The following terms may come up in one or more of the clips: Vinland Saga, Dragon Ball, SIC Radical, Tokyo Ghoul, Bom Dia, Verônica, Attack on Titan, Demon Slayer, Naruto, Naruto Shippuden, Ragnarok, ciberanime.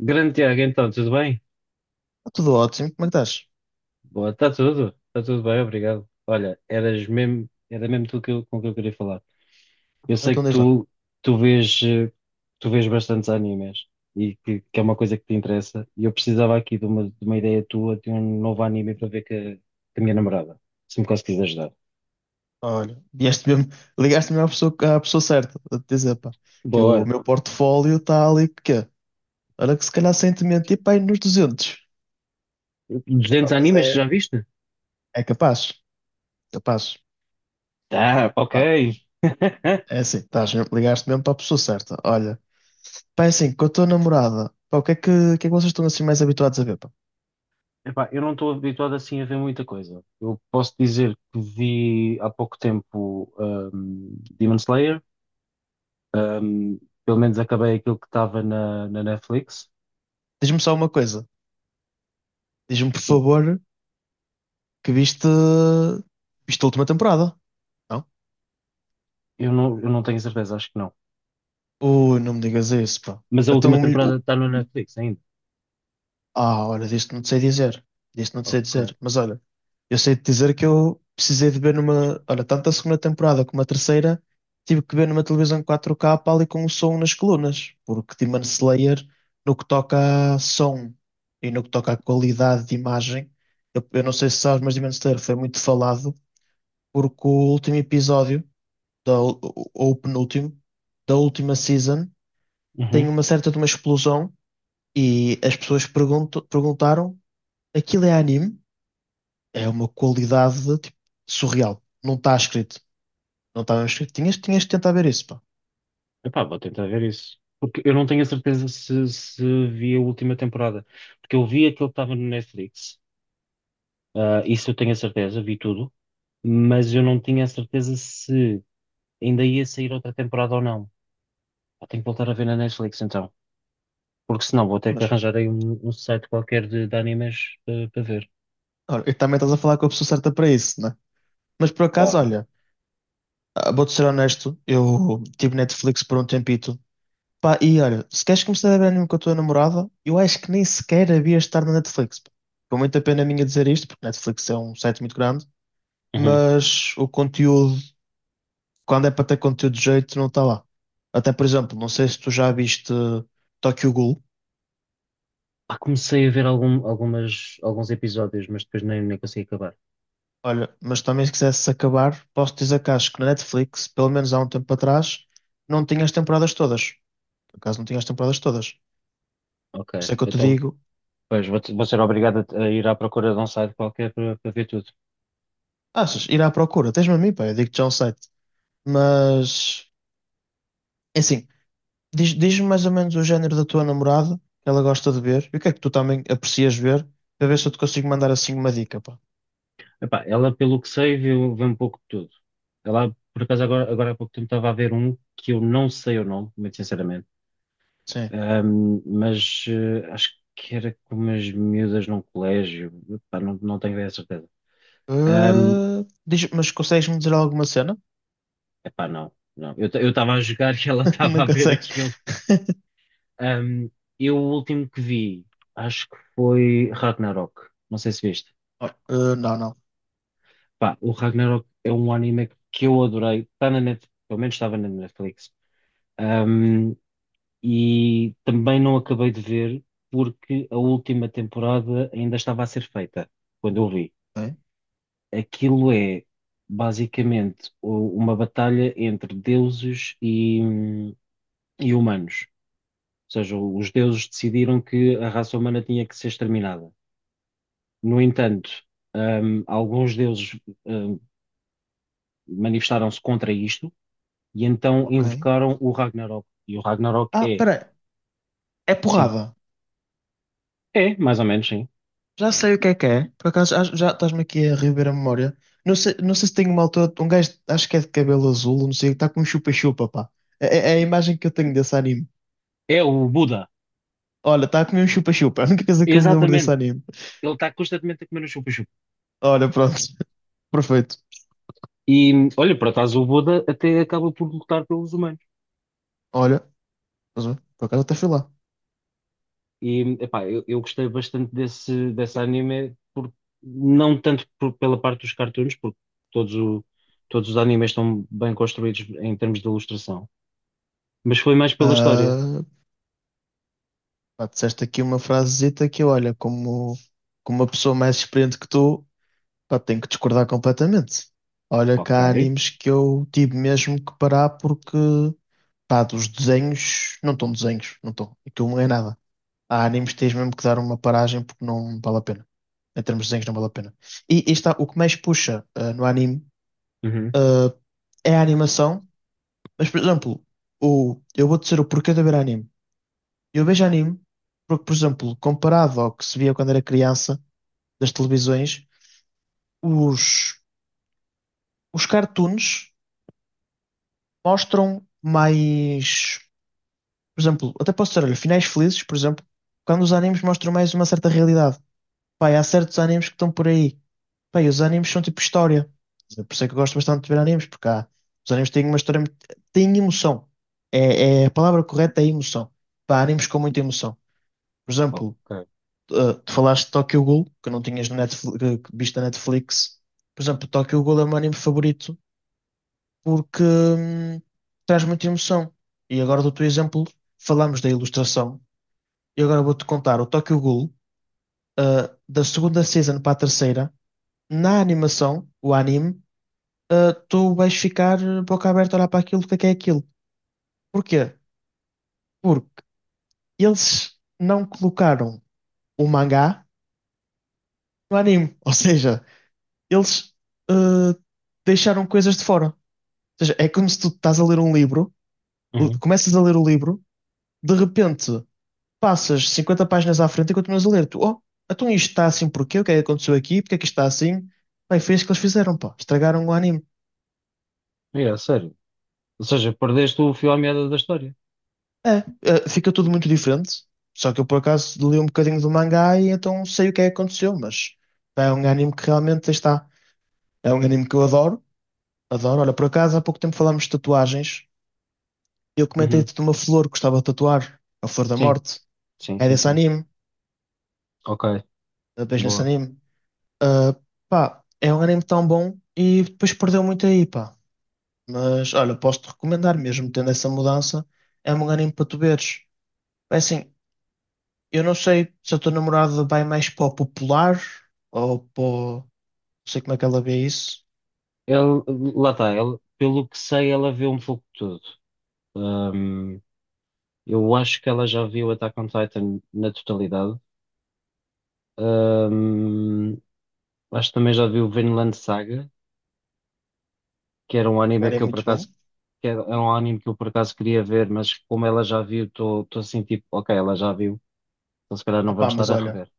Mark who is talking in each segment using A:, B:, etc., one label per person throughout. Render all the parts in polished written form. A: Grande Tiago, então, tudo bem?
B: Está tudo ótimo, como é que estás?
A: Boa, está tudo bem, obrigado. Olha, eras mesmo, era mesmo tu com que eu queria falar. Eu sei
B: Então
A: que
B: diz lá.
A: tu, tu vês, tu vês bastantes animes e que é uma coisa que te interessa. E eu precisava aqui de uma ideia tua, de um novo anime para ver que a minha namorada, se me conseguires ajudar.
B: Olha, vieste mesmo, ligaste-me à pessoa certa, a te dizer, pá, que o
A: Boa,
B: meu portfólio está ali, que quê? Olha que se calhar sem te mentir, pá, aí nos 200.
A: 200
B: Pá, mas
A: animes que
B: é,
A: já viste?
B: é capaz, capaz.
A: Tá, ok.
B: Pá, é assim, estás, ligaste mesmo para a pessoa certa. Olha, pá, é assim, com a tua namorada, pá, o que é que vocês estão assim mais habituados a ver, pá?
A: Epá, eu não estou habituado assim a ver muita coisa. Eu posso dizer que vi há pouco tempo um, Demon Slayer, um, pelo menos acabei aquilo que estava na Netflix.
B: Diz-me só uma coisa. Diz-me, por
A: Sim,
B: favor, que viste, viste a última temporada, não?
A: eu não tenho certeza, acho que não.
B: Ui, não me digas isso, pá.
A: Mas a
B: Então,
A: última
B: o
A: temporada
B: melhor.
A: está na Netflix ainda.
B: Ah, olha, disto não te sei dizer. Disto não te sei
A: Ok.
B: dizer. Mas olha, eu sei te dizer que eu precisei de ver numa. Olha, tanto a segunda temporada como a terceira, tive que ver numa televisão 4K, pá, ali com o som nas colunas. Porque Demon Slayer, no que toca a som e no que toca à qualidade de imagem, eu não sei se sabes, mas Demon Slayer foi muito falado porque o último episódio, ou o penúltimo, da última season, tem
A: Uhum.
B: uma certa de uma explosão. E as pessoas perguntaram: aquilo é anime, é uma qualidade tipo, surreal. Não está escrito. Não está mesmo escrito. Tinhas de tentar ver isso, pá.
A: Epá, vou tentar ver isso. Porque eu não tenho a certeza se, se vi a última temporada. Porque eu vi aquilo que estava no Netflix. Ah, isso eu tenho a certeza, vi tudo. Mas eu não tinha a certeza se ainda ia sair outra temporada ou não. Pá, tenho que voltar a ver na Netflix então. Porque senão vou ter que
B: Mas,
A: arranjar aí um site qualquer de animes para ver.
B: olha, e também estás a falar com a pessoa certa para isso, né? Mas por acaso,
A: Ora,
B: olha, ah, vou-te ser honesto, eu tive Netflix por um tempito. Pá, e olha, se queres começar a ver anime com a tua namorada, eu acho que nem sequer havia de estar na Netflix, pá. Com muita pena minha dizer isto, porque Netflix é um site muito grande,
A: uhum.
B: mas o conteúdo, quando é para ter conteúdo de jeito, não está lá. Até, por exemplo, não sei se tu já viste Tokyo Ghoul.
A: Ah, comecei a ver algumas, alguns episódios, mas depois nem, nem consegui acabar.
B: Olha, mas também se quisesse acabar, posso dizer que acho que na Netflix, pelo menos há um tempo atrás, não tinha as temporadas todas. Por acaso não tinha as temporadas todas. Por
A: Ok,
B: isso é que eu te
A: então
B: digo,
A: pois, vou, vou ser obrigado a ir à procura de um site qualquer para para ver tudo.
B: achas, ir à procura, tens-me a mim, pá, eu digo-te já um site. Mas, é assim. Diz-me mais ou menos o género da tua namorada, que ela gosta de ver, e o que é que tu também aprecias ver, para ver se eu te consigo mandar assim uma dica, pá.
A: Epá, ela, pelo que sei, viu, vê um pouco de tudo. Ela, por acaso, agora, agora há pouco tempo estava a ver um que eu não sei o nome, muito sinceramente.
B: Sim.
A: Mas acho que era com umas miúdas num colégio. Epá, não, não tenho bem a certeza. Ahm,
B: Ah, diz, mas consegues-me dizer alguma cena?
A: epá, não, não. Eu estava a jogar e ela estava
B: Não
A: a ver
B: consegues?
A: aquilo. Ahm, eu o último que vi, acho que foi Ragnarok. Não sei se viste.
B: Ah, não, não.
A: Pá, o Ragnarok é um anime que eu adorei. Está na Netflix, pelo menos estava na Netflix. Ahm, e também não acabei de ver porque a última temporada ainda estava a ser feita quando eu vi.
B: Ok.
A: Aquilo é basicamente uma batalha entre deuses e humanos. Ou seja, os deuses decidiram que a raça humana tinha que ser exterminada. No entanto, alguns deuses, hum, manifestaram-se contra isto e então
B: Ok.
A: invocaram o Ragnarok. E o Ragnarok
B: Ah,
A: é,
B: peraí. É
A: sim,
B: porrada.
A: é, mais ou menos, sim.
B: Já sei o que é que é. Por acaso, já estás-me aqui a reviver a memória. Não sei, não sei se tenho uma altura. Um gajo, acho que é de cabelo azul, não sei, está com um chupa-chupa, pá. É, é a imagem que eu tenho desse anime.
A: É o Buda.
B: Olha, está a comer um chupa-chupa. É a única coisa que eu me lembro desse
A: Exatamente.
B: anime.
A: Ele está constantemente a comer o chupa-chupa.
B: Olha, pronto, perfeito.
A: E olha, por acaso o Buda até acaba por lutar pelos humanos.
B: Olha, mas, olha, por acaso até fui lá.
A: E, epá, eu gostei bastante desse, desse anime, por, não tanto pela parte dos cartoons, porque todos, o- todos os animes estão bem construídos em termos de ilustração, mas foi mais pela história.
B: Ah, pá, disseste aqui uma frasezita que, olha, como, como uma pessoa mais experiente que tu, pá, tenho que discordar completamente. Olha, que
A: Ok.
B: há animes que eu tive mesmo que parar porque, pá, dos desenhos, não estão desenhos, não estão. Aquilo não é nada. Há animes que tens mesmo que dar uma paragem porque não vale a pena. Em termos de desenhos, não vale a pena. O que mais puxa no anime,
A: Uhum.
B: ah, é a animação. Mas, por exemplo, eu vou dizer o porquê de ver anime. Eu vejo anime porque, por exemplo, comparado ao que se via quando era criança, das televisões, os, os cartoons mostram mais. Por exemplo, até posso dizer, olha, finais felizes, por exemplo, quando os animes mostram mais uma certa realidade. Pai, há certos animes que estão por aí. Pai, os animes são tipo história. Por isso é que eu gosto bastante de ver animes, porque há, os animes têm uma história, têm emoção. É, a palavra correta é emoção. Pá, há animes com muita emoção. Por exemplo,
A: Ok.
B: tu falaste de Tokyo Ghoul, que não tinhas no Netflix, que viste na Netflix. Por exemplo, Tokyo Ghoul é o meu anime favorito porque traz muita emoção. E agora do teu exemplo, falámos da ilustração. E agora vou-te contar o Tokyo Ghoul, da segunda season para a terceira, na animação, o anime, tu vais ficar boca aberta a olhar para aquilo, o que é aquilo. Porquê? Porque eles não colocaram o mangá no anime. Ou seja, eles ah, deixaram coisas de fora. Ou seja, é como se tu estás a ler um livro,
A: Uhum.
B: começas a ler o livro, de repente passas 50 páginas à frente e continuas a ler. Tu, oh, então isto está assim porquê? O que é que aconteceu aqui? Porque é que isto está assim? Bem, foi isso que eles fizeram, pá. Estragaram o anime.
A: É, sério. Ou seja, perdeste o fio à meada da história.
B: É, fica tudo muito diferente. Só que eu por acaso li um bocadinho do mangá e então sei o que é que aconteceu, mas é um anime que realmente aí está. É um anime que eu adoro. Adoro. Olha, por acaso há pouco tempo falámos de tatuagens. Eu
A: Uhum.
B: comentei-te de uma flor que gostava de tatuar, a Flor da
A: Sim,
B: Morte.
A: sim,
B: É
A: sim,
B: desse
A: sim.
B: anime,
A: Ok,
B: eu vejo nesse
A: boa.
B: anime. Ah, pá, é um anime tão bom e depois perdeu muito aí, pá. Mas olha, posso-te recomendar mesmo, tendo essa mudança, é um anime para tu veres. É assim, eu não sei se a tua namorada vai mais para o popular ou para. Não sei como é que ela vê isso.
A: Ele, lá está, ele, pelo que sei, ela viu um pouco de tudo. Ahm, eu acho que ela já viu Attack on Titan na totalidade. Ahm, acho que também já vi o Vinland Saga, que era um
B: Um
A: anime
B: anime
A: que
B: é
A: eu por
B: muito bom.
A: acaso que era um anime que eu por acaso queria ver, mas como ela já viu, estou assim tipo, ok, ela já viu, então se calhar não
B: Opá,
A: vamos
B: mas
A: estar a
B: olha,
A: rever.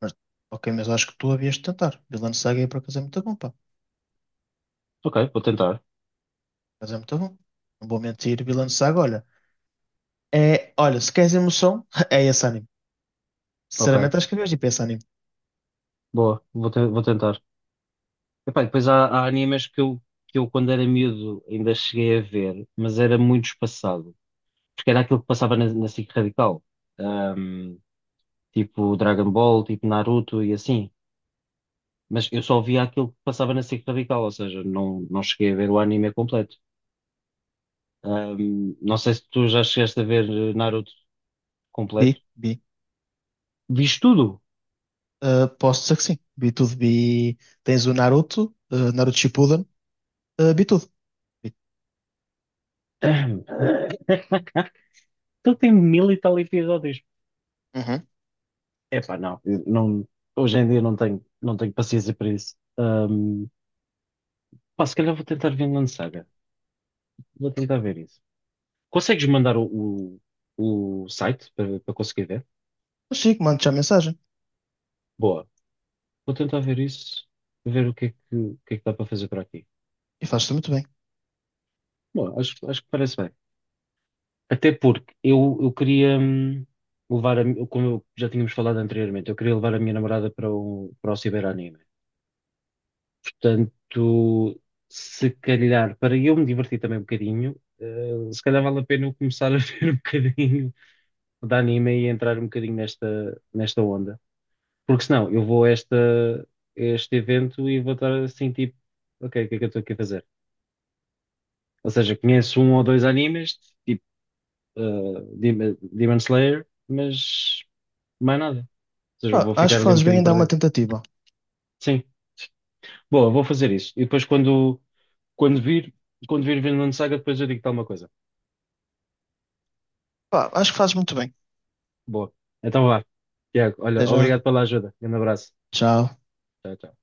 B: mas- ok, mas acho que tu havias de tentar. Vinland Saga por acaso é muito bom, pá.
A: Ok, vou tentar.
B: Mas é muito bom. Não vou mentir, Vinland Saga, olha. É, olha, se queres emoção, é esse anime.
A: Ok,
B: Sinceramente, acho que vejo tipo esse anime.
A: boa, vou, vou tentar. Epá, e depois há, há animes que eu quando era miúdo ainda cheguei a ver, mas era muito espaçado, porque era aquilo que passava na SIC Radical, Ahm, tipo Dragon Ball, tipo Naruto e assim. Mas eu só via aquilo que passava na SIC Radical, ou seja, não, não cheguei a ver o anime completo. Não sei se tu já chegaste a ver Naruto completo.
B: Vi, vi.
A: Viste tudo?
B: Posso dizer que sim. Vi tudo. Vi. Tens o Naruto, Naruto Shippuden. Vi tudo. Vi.
A: Ahm, Então tem mil e tal episódios.
B: Uhum.
A: Epá, não, eu não, hoje em dia não tenho, não tenho paciência para isso. Pá, se calhar vou tentar Vinland Saga. Vou tentar ver isso. Consegues mandar o site para, para conseguir ver?
B: Mas Chico, mando-te já a mensagem.
A: Boa. Vou tentar ver isso, ver o que é que, o que é que dá para fazer por aqui.
B: E fazes-te muito bem.
A: Bom, acho, acho que parece bem. Até porque eu queria levar como já tínhamos falado anteriormente, eu queria levar a minha namorada para para o ciberanime. Portanto, se calhar, para eu me divertir também um bocadinho, se calhar vale a pena eu começar a ver um bocadinho de anime e entrar um bocadinho nesta, nesta onda. Porque senão eu vou a esta, a este evento e vou estar assim, tipo, ok, o que é que eu estou aqui a fazer? Ou seja, conheço um ou dois animes, tipo Demon Slayer, mas mais nada. Ou seja, eu
B: Pá,
A: vou
B: acho
A: ficar
B: que
A: ali um
B: fazes bem
A: bocadinho
B: em dar uma
A: perdido.
B: tentativa.
A: Sim, boa, vou fazer isso. E depois quando, quando vir, quando vir Vinland Saga, depois eu digo tal uma coisa.
B: Pá, acho que fazes muito bem.
A: Boa. Então vá. Tiago,
B: Até
A: olha,
B: já.
A: obrigado pela ajuda. Grande abraço.
B: Tchau.
A: Tchau, tchau.